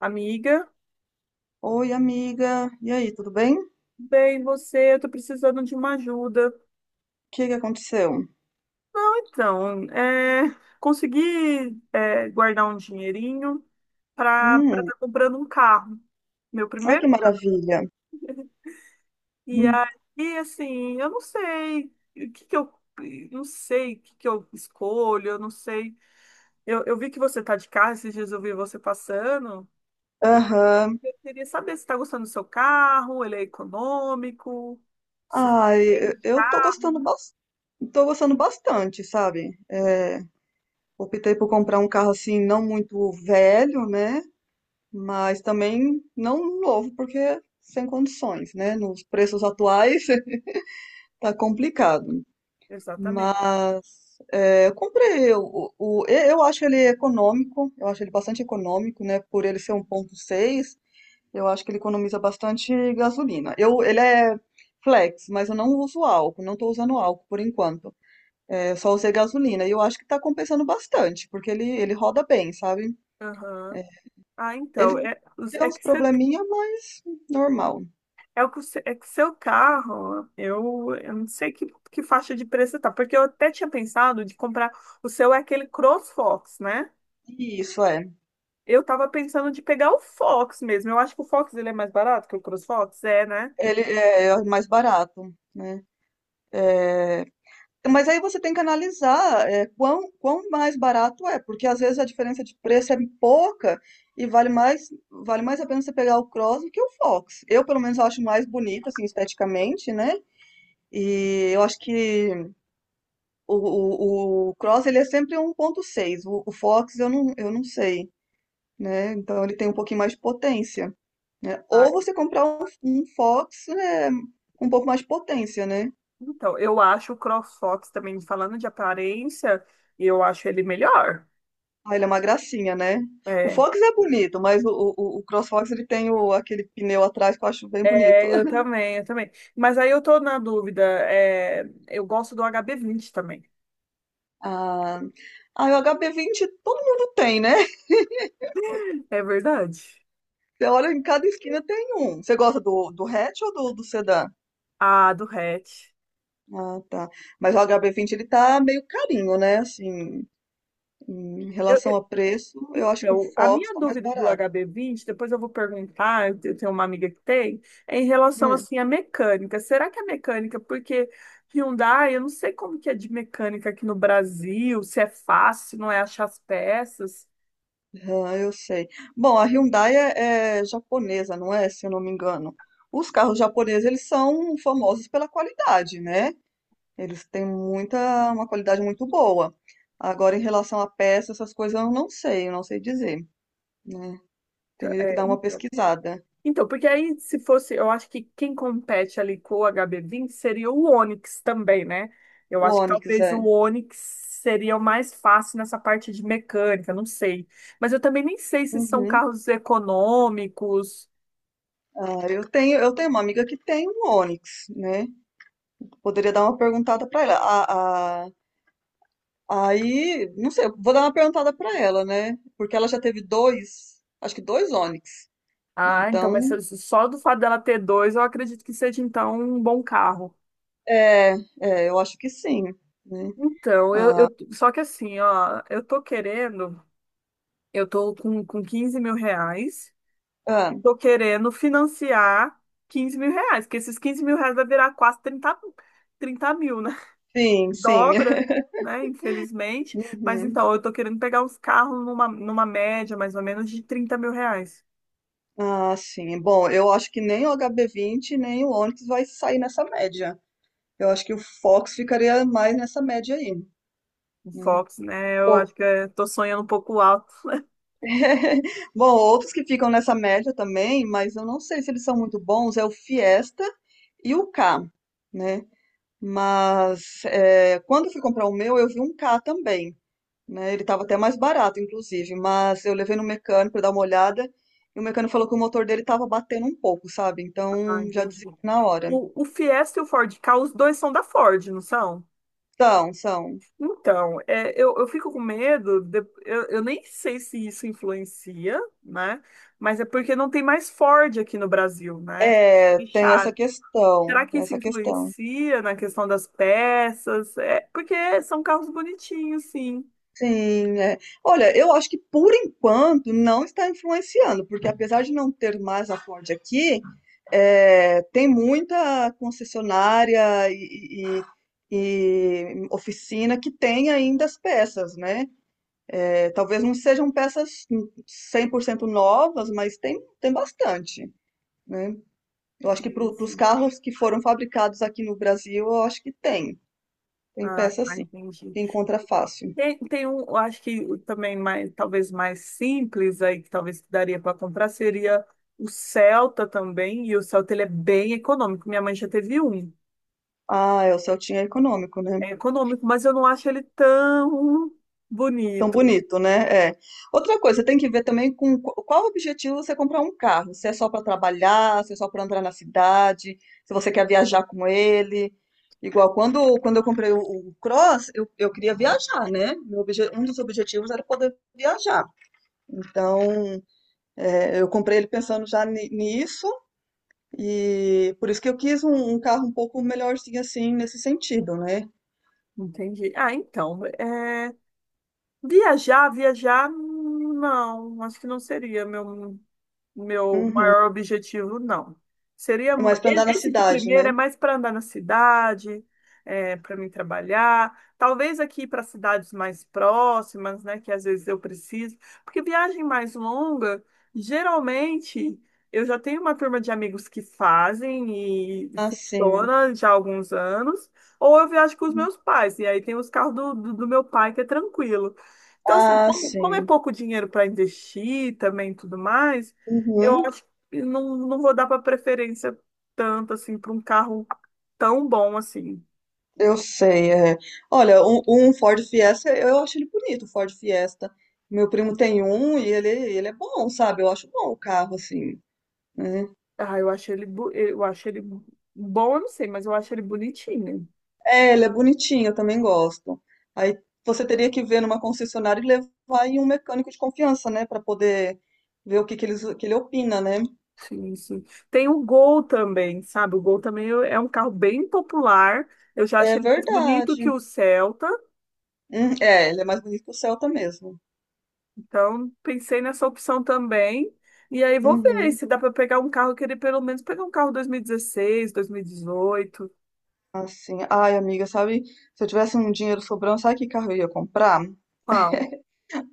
Amiga, Oi, amiga. E aí, tudo bem? O bem, você, eu tô precisando de uma ajuda. que que aconteceu? Então, consegui guardar um dinheirinho para Hum, estar comprando um carro, meu ai que primeiro. maravilha. E Hum. aí, assim, eu não sei o que que eu não sei o que que eu escolho, eu não sei. Eu vi que você tá de carro, esses dias eu vi você passando. Aham. Eu queria saber se tá gostando do seu carro, ele é econômico, se você Ai, tem eu de eu tô carro. gostando bastante, sabe? É, optei por comprar um carro assim não muito velho, né? Mas também não novo, porque sem condições, né? Nos preços atuais tá complicado. Exatamente. Mas é, eu comprei o, e- eu acho ele econômico, eu acho ele bastante econômico, né? Por ele ser um ponto seis, eu acho que ele economiza bastante gasolina. Ele é flex, mas eu não uso álcool, não estou usando álcool por enquanto. É, eu só usei gasolina e eu acho que está compensando bastante, porque ele roda bem, sabe? Aham. Ah, Ele então, é, os- tem é uns que seu, probleminha, mas normal. é o que o seu- é que seu carro, eu não sei que faixa de preço tá, porque eu até tinha pensado de comprar. O seu é aquele CrossFox, né? Isso é. Eu tava pensando de pegar o Fox mesmo, eu acho que o Fox ele é mais barato que o CrossFox, é, né? Ele é mais barato, né? É, mas aí você tem que analisar, quão mais barato é, porque às vezes a diferença de preço é pouca e vale mais a pena você pegar o Cross do que o Fox. Eu, pelo menos, acho mais bonito, assim, esteticamente, né? E eu acho que o Cross, ele é sempre um 1.6. O Fox, eu não sei, né? Então, ele tem um pouquinho mais de potência, né? Ah, Ou você comprar um, Fox, né, com um pouco mais de potência, né? então, eu acho o CrossFox também, falando de aparência, eu acho ele melhor. Ah, ele é uma gracinha, né? O É, Fox é bonito, mas o CrossFox ele tem o, aquele pneu atrás que eu acho bem bonito. é, eu também, eu também. Mas aí eu tô na dúvida, eu gosto do HB20 também, Ah, ah, e o HB20 todo mundo tem, né? é verdade? Você olha em cada esquina tem um. Você gosta do, do, hatch ou do sedã? Ah, do hatch. Ah, tá. Mas o HB20 ele tá meio carinho, né? Assim, em Eu, relação eu- a preço, eu acho que o então, a Fox minha tá mais dúvida do barato. HB20, depois eu vou perguntar, eu tenho uma amiga que tem, é em relação, Hum. assim, à mecânica. Será que a mecânica, porque Hyundai, eu não sei como que é de mecânica aqui no Brasil, se é fácil, não é achar as peças. Ah, eu sei. Bom, a Hyundai é japonesa, não é? Se eu não me engano. Os carros japoneses, eles são famosos pela qualidade, né? Eles têm uma qualidade muito boa. Agora, em relação a peça, essas coisas eu não sei dizer, né? Teria que É, dar uma então. pesquisada. Então, porque aí se fosse, eu acho que quem compete ali com o HB20 seria o Onix também, né? Eu O acho que Onix, talvez o é. Onix seria o mais fácil nessa parte de mecânica, não sei. Mas eu também nem sei se são Uhum. carros econômicos. Ah, eu tenho, uma amiga que tem um Onix, né? Poderia dar uma perguntada para ela. Aí, não sei, eu vou dar uma perguntada pra ela, né? Porque ela já teve dois, acho que dois Onix, né? Ah, então, mas Então, só do fato dela ter dois, eu acredito que seja então um bom carro. é, eu acho que sim, né? Então, só que assim, ó, eu tô com 15 mil reais. Ah, Tô querendo financiar 15 mil reais, que esses 15 mil reais vai virar quase trinta mil, né? sim, sim. Dobra, né? Infelizmente. Mas Uhum. então, eu tô querendo pegar uns carros numa média, mais ou menos, de 30 mil reais. Ah, sim. Bom, eu acho que nem o HB20 nem o Onix vai sair nessa média. Eu acho que o Fox ficaria mais nessa média aí, O né? Fox, né? Eu O- acho que tô sonhando um pouco alto. Bom, outros que ficam nessa média também, mas eu não sei se eles são muito bons, é o Fiesta e o K, né? Mas quando eu fui comprar o meu, eu vi um K também, né? Ele estava até mais barato, inclusive, mas eu levei no mecânico para dar uma olhada e o mecânico falou que o motor dele estava batendo um pouco, sabe? Ah, Então já entendi. desisti na hora. O Fiesta e o Ford Ka, os dois são da Ford, não são? São, são. Então, eu fico com medo, eu nem sei se isso influencia, né? Mas é porque não tem mais Ford aqui no Brasil, né? É, tem essa Fecharam. questão, Será que tem isso essa questão. influencia na questão das peças? É, porque são carros bonitinhos, sim. Sim, é. Olha, eu acho que por enquanto não está influenciando, porque apesar de não ter mais a Ford aqui, é, tem muita concessionária e oficina que tem ainda as peças, né? É, talvez não sejam peças 100% novas, mas tem, bastante, né? Eu acho que para Sim, os sim. carros que foram fabricados aqui no Brasil, eu acho que tem. Tem Ah, peça tá, sim, entendi. que encontra fácil. Tem um, eu acho que o também mais, talvez mais simples aí, que talvez daria para comprar, seria o Celta também, e o Celta ele é bem econômico. Minha mãe já teve um. Ah, é, o Celtinha é econômico, né? É econômico, mas eu não acho ele tão Tão bonito. bonito, né? É. Outra coisa, tem que ver também com qual o objetivo você comprar um carro. Se é só para trabalhar, se é só para andar na cidade, se você quer viajar com ele. Igual quando, eu comprei o, Cross, eu queria viajar, né? Um dos objetivos era poder viajar. Então, é, eu comprei ele pensando já nisso, e por isso que eu quis um, carro um pouco melhorzinho assim, nesse sentido, né? Entendi. Ah, então, viajar, viajar, não, acho que não seria meu maior objetivo, não. Seria Mais para andar na esse de cidade, primeiro é né? mais para andar na cidade, para mim trabalhar, talvez aqui para cidades mais próximas, né, que às vezes eu preciso, porque viagem mais longa, geralmente eu já tenho uma turma de amigos que fazem e Assim. funciona já há alguns anos, ou eu viajo com os meus pais, e aí tem os carros do meu pai que é tranquilo. Então, assim, Ah, como é sim. pouco dinheiro para investir também e tudo mais, eu Uhum, acho que não, não vou dar pra preferência tanto assim pra um carro tão bom assim. eu sei, é. Olha, um Ford Fiesta, eu acho ele bonito, o Ford Fiesta. Meu primo tem um e ele é bom, sabe? Eu acho bom o carro, assim, né? Ah, eu acho ele bom, eu não sei, mas eu acho ele bonitinho. É, ele é bonitinho, eu também gosto. Aí você teria que ver numa concessionária e levar aí um mecânico de confiança, né? Pra poder ver o que que ele opina, né? Sim, sim. Tem o Gol também, sabe? O Gol também é um carro bem popular. Eu já É achei ele mais bonito que verdade. o Celta, É, ele é mais bonito que o Celta mesmo. então pensei nessa opção também. E aí vou ver Uhum. se dá pra pegar um carro, querer pelo menos pegar um carro dois mil e dezesseis, 2018. Assim, ai, amiga, sabe? Se eu tivesse um dinheiro sobrando, sabe que carro eu ia comprar? Qual?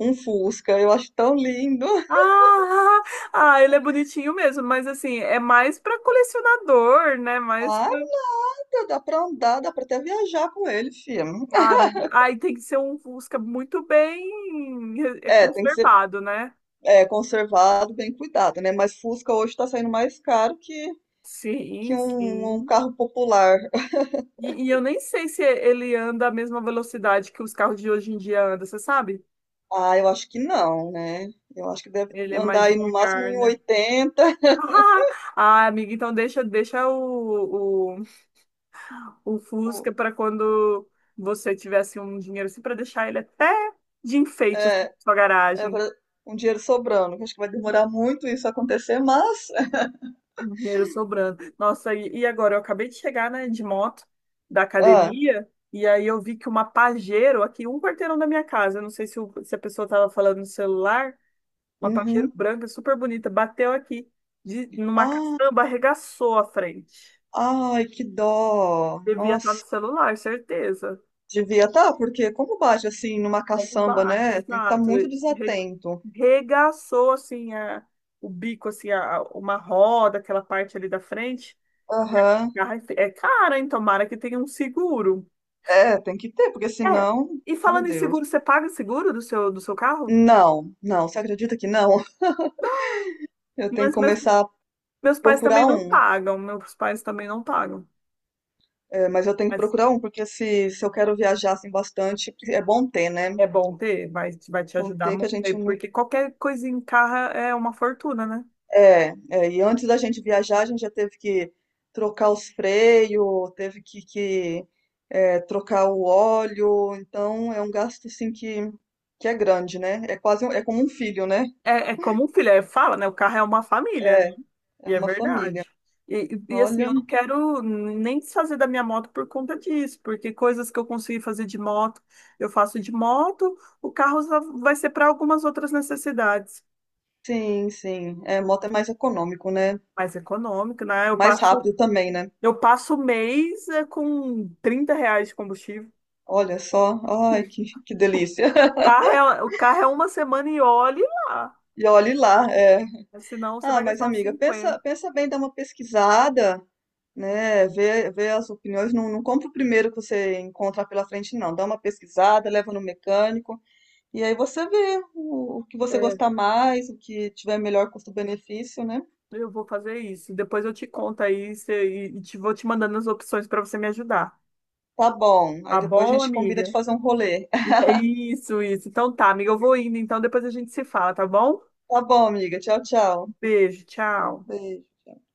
Um Fusca, eu acho tão lindo. Ah, ah, ele é bonitinho mesmo, mas assim, é mais pra colecionador, né? Mais Ah, pra... meu Deus, dá pra andar, dá pra até viajar com ele, filha. Ah, aí tem que ser um Fusca muito bem É, tem que ser conservado, né? Conservado, bem cuidado, né? Mas Fusca hoje tá saindo mais caro que, Sim, um sim. carro popular. E eu nem sei se ele anda à mesma velocidade que os carros de hoje em dia andam, você sabe? Ah, eu acho que não, né? Eu acho que deve Ele é mais andar aí no máximo devagar, em né? 80. Ah, amiga, então deixa o Fusca para quando você tivesse um dinheiro assim para deixar ele até de enfeite assim, É, na sua é garagem, pra um dinheiro sobrando. Que Acho que vai demorar muito isso acontecer, mas. um dinheiro sobrando. Nossa, e agora eu acabei de chegar, né, de moto da Ah, academia e aí eu vi que uma Pajero aqui um quarteirão da minha casa, eu não sei se, se a pessoa estava falando no celular, uma Pajero uhum. branca super bonita bateu aqui numa Ah, caçamba, arregaçou a frente. ai, que dó. Devia estar no Nossa. celular, certeza. Devia tá, porque como bate assim numa Como caçamba, bate, né? Tem que estar exato. muito Re- desatento. Regaçou, assim, o bico, assim, uma roda, aquela parte ali da frente. E a Aham. garra é cara, hein? Tomara que tenha um seguro. É, tem que ter, porque É, senão, e meu falando em Deus. seguro, você paga seguro do seu carro? Não, não, você acredita que não? Eu tenho que Mas meus, começar a meus pais também procurar não um. pagam, meus pais também não pagam. É, mas eu tenho que Mas procurar um, porque se, eu quero viajar assim bastante, é bom ter, né? é bom ter, vai te Bom ajudar ter que a muito, aí, gente porque qualquer coisinha em carro é uma fortuna, né? E antes da gente viajar, a gente já teve que trocar os freios, teve que trocar o óleo, então é um gasto assim que é grande, né? É como um filho, né? É, é como o filho é, fala, né? O carro é uma família, É, né? é E é uma família. verdade. E, assim, Olha, eu não quero nem desfazer da minha moto por conta disso, porque coisas que eu consegui fazer de moto, eu faço de moto, o carro só vai ser para algumas outras necessidades sim, sim. É, moto é mais econômico, né? mais econômico, né? Eu Mais passo, rápido também, né? eu passo o mês com 30 reais de combustível. Olha só, ai, E que O delícia. O carro é uma semana e olhe lá. E olhe lá, é. Senão você Ah, vai mas gastar uns amiga, cinquenta. pensa, pensa bem, dá uma pesquisada, né? Vê, vê as opiniões. Não, não compra o primeiro que você encontrar pela frente, não. Dá uma pesquisada, leva no mecânico, e aí você vê o que você gostar mais, o que tiver melhor custo-benefício, né? Eu vou fazer isso. Depois eu te conto aí, e vou te mandando as opções para você me ajudar. Tá bom. Aí Tá depois a bom, gente combina de amiga? fazer um rolê. É isso, isso. Então tá, amiga, eu vou indo. Então depois a gente se fala, tá bom? Tá bom, amiga. Tchau, tchau. Beijo, tchau. Beijo.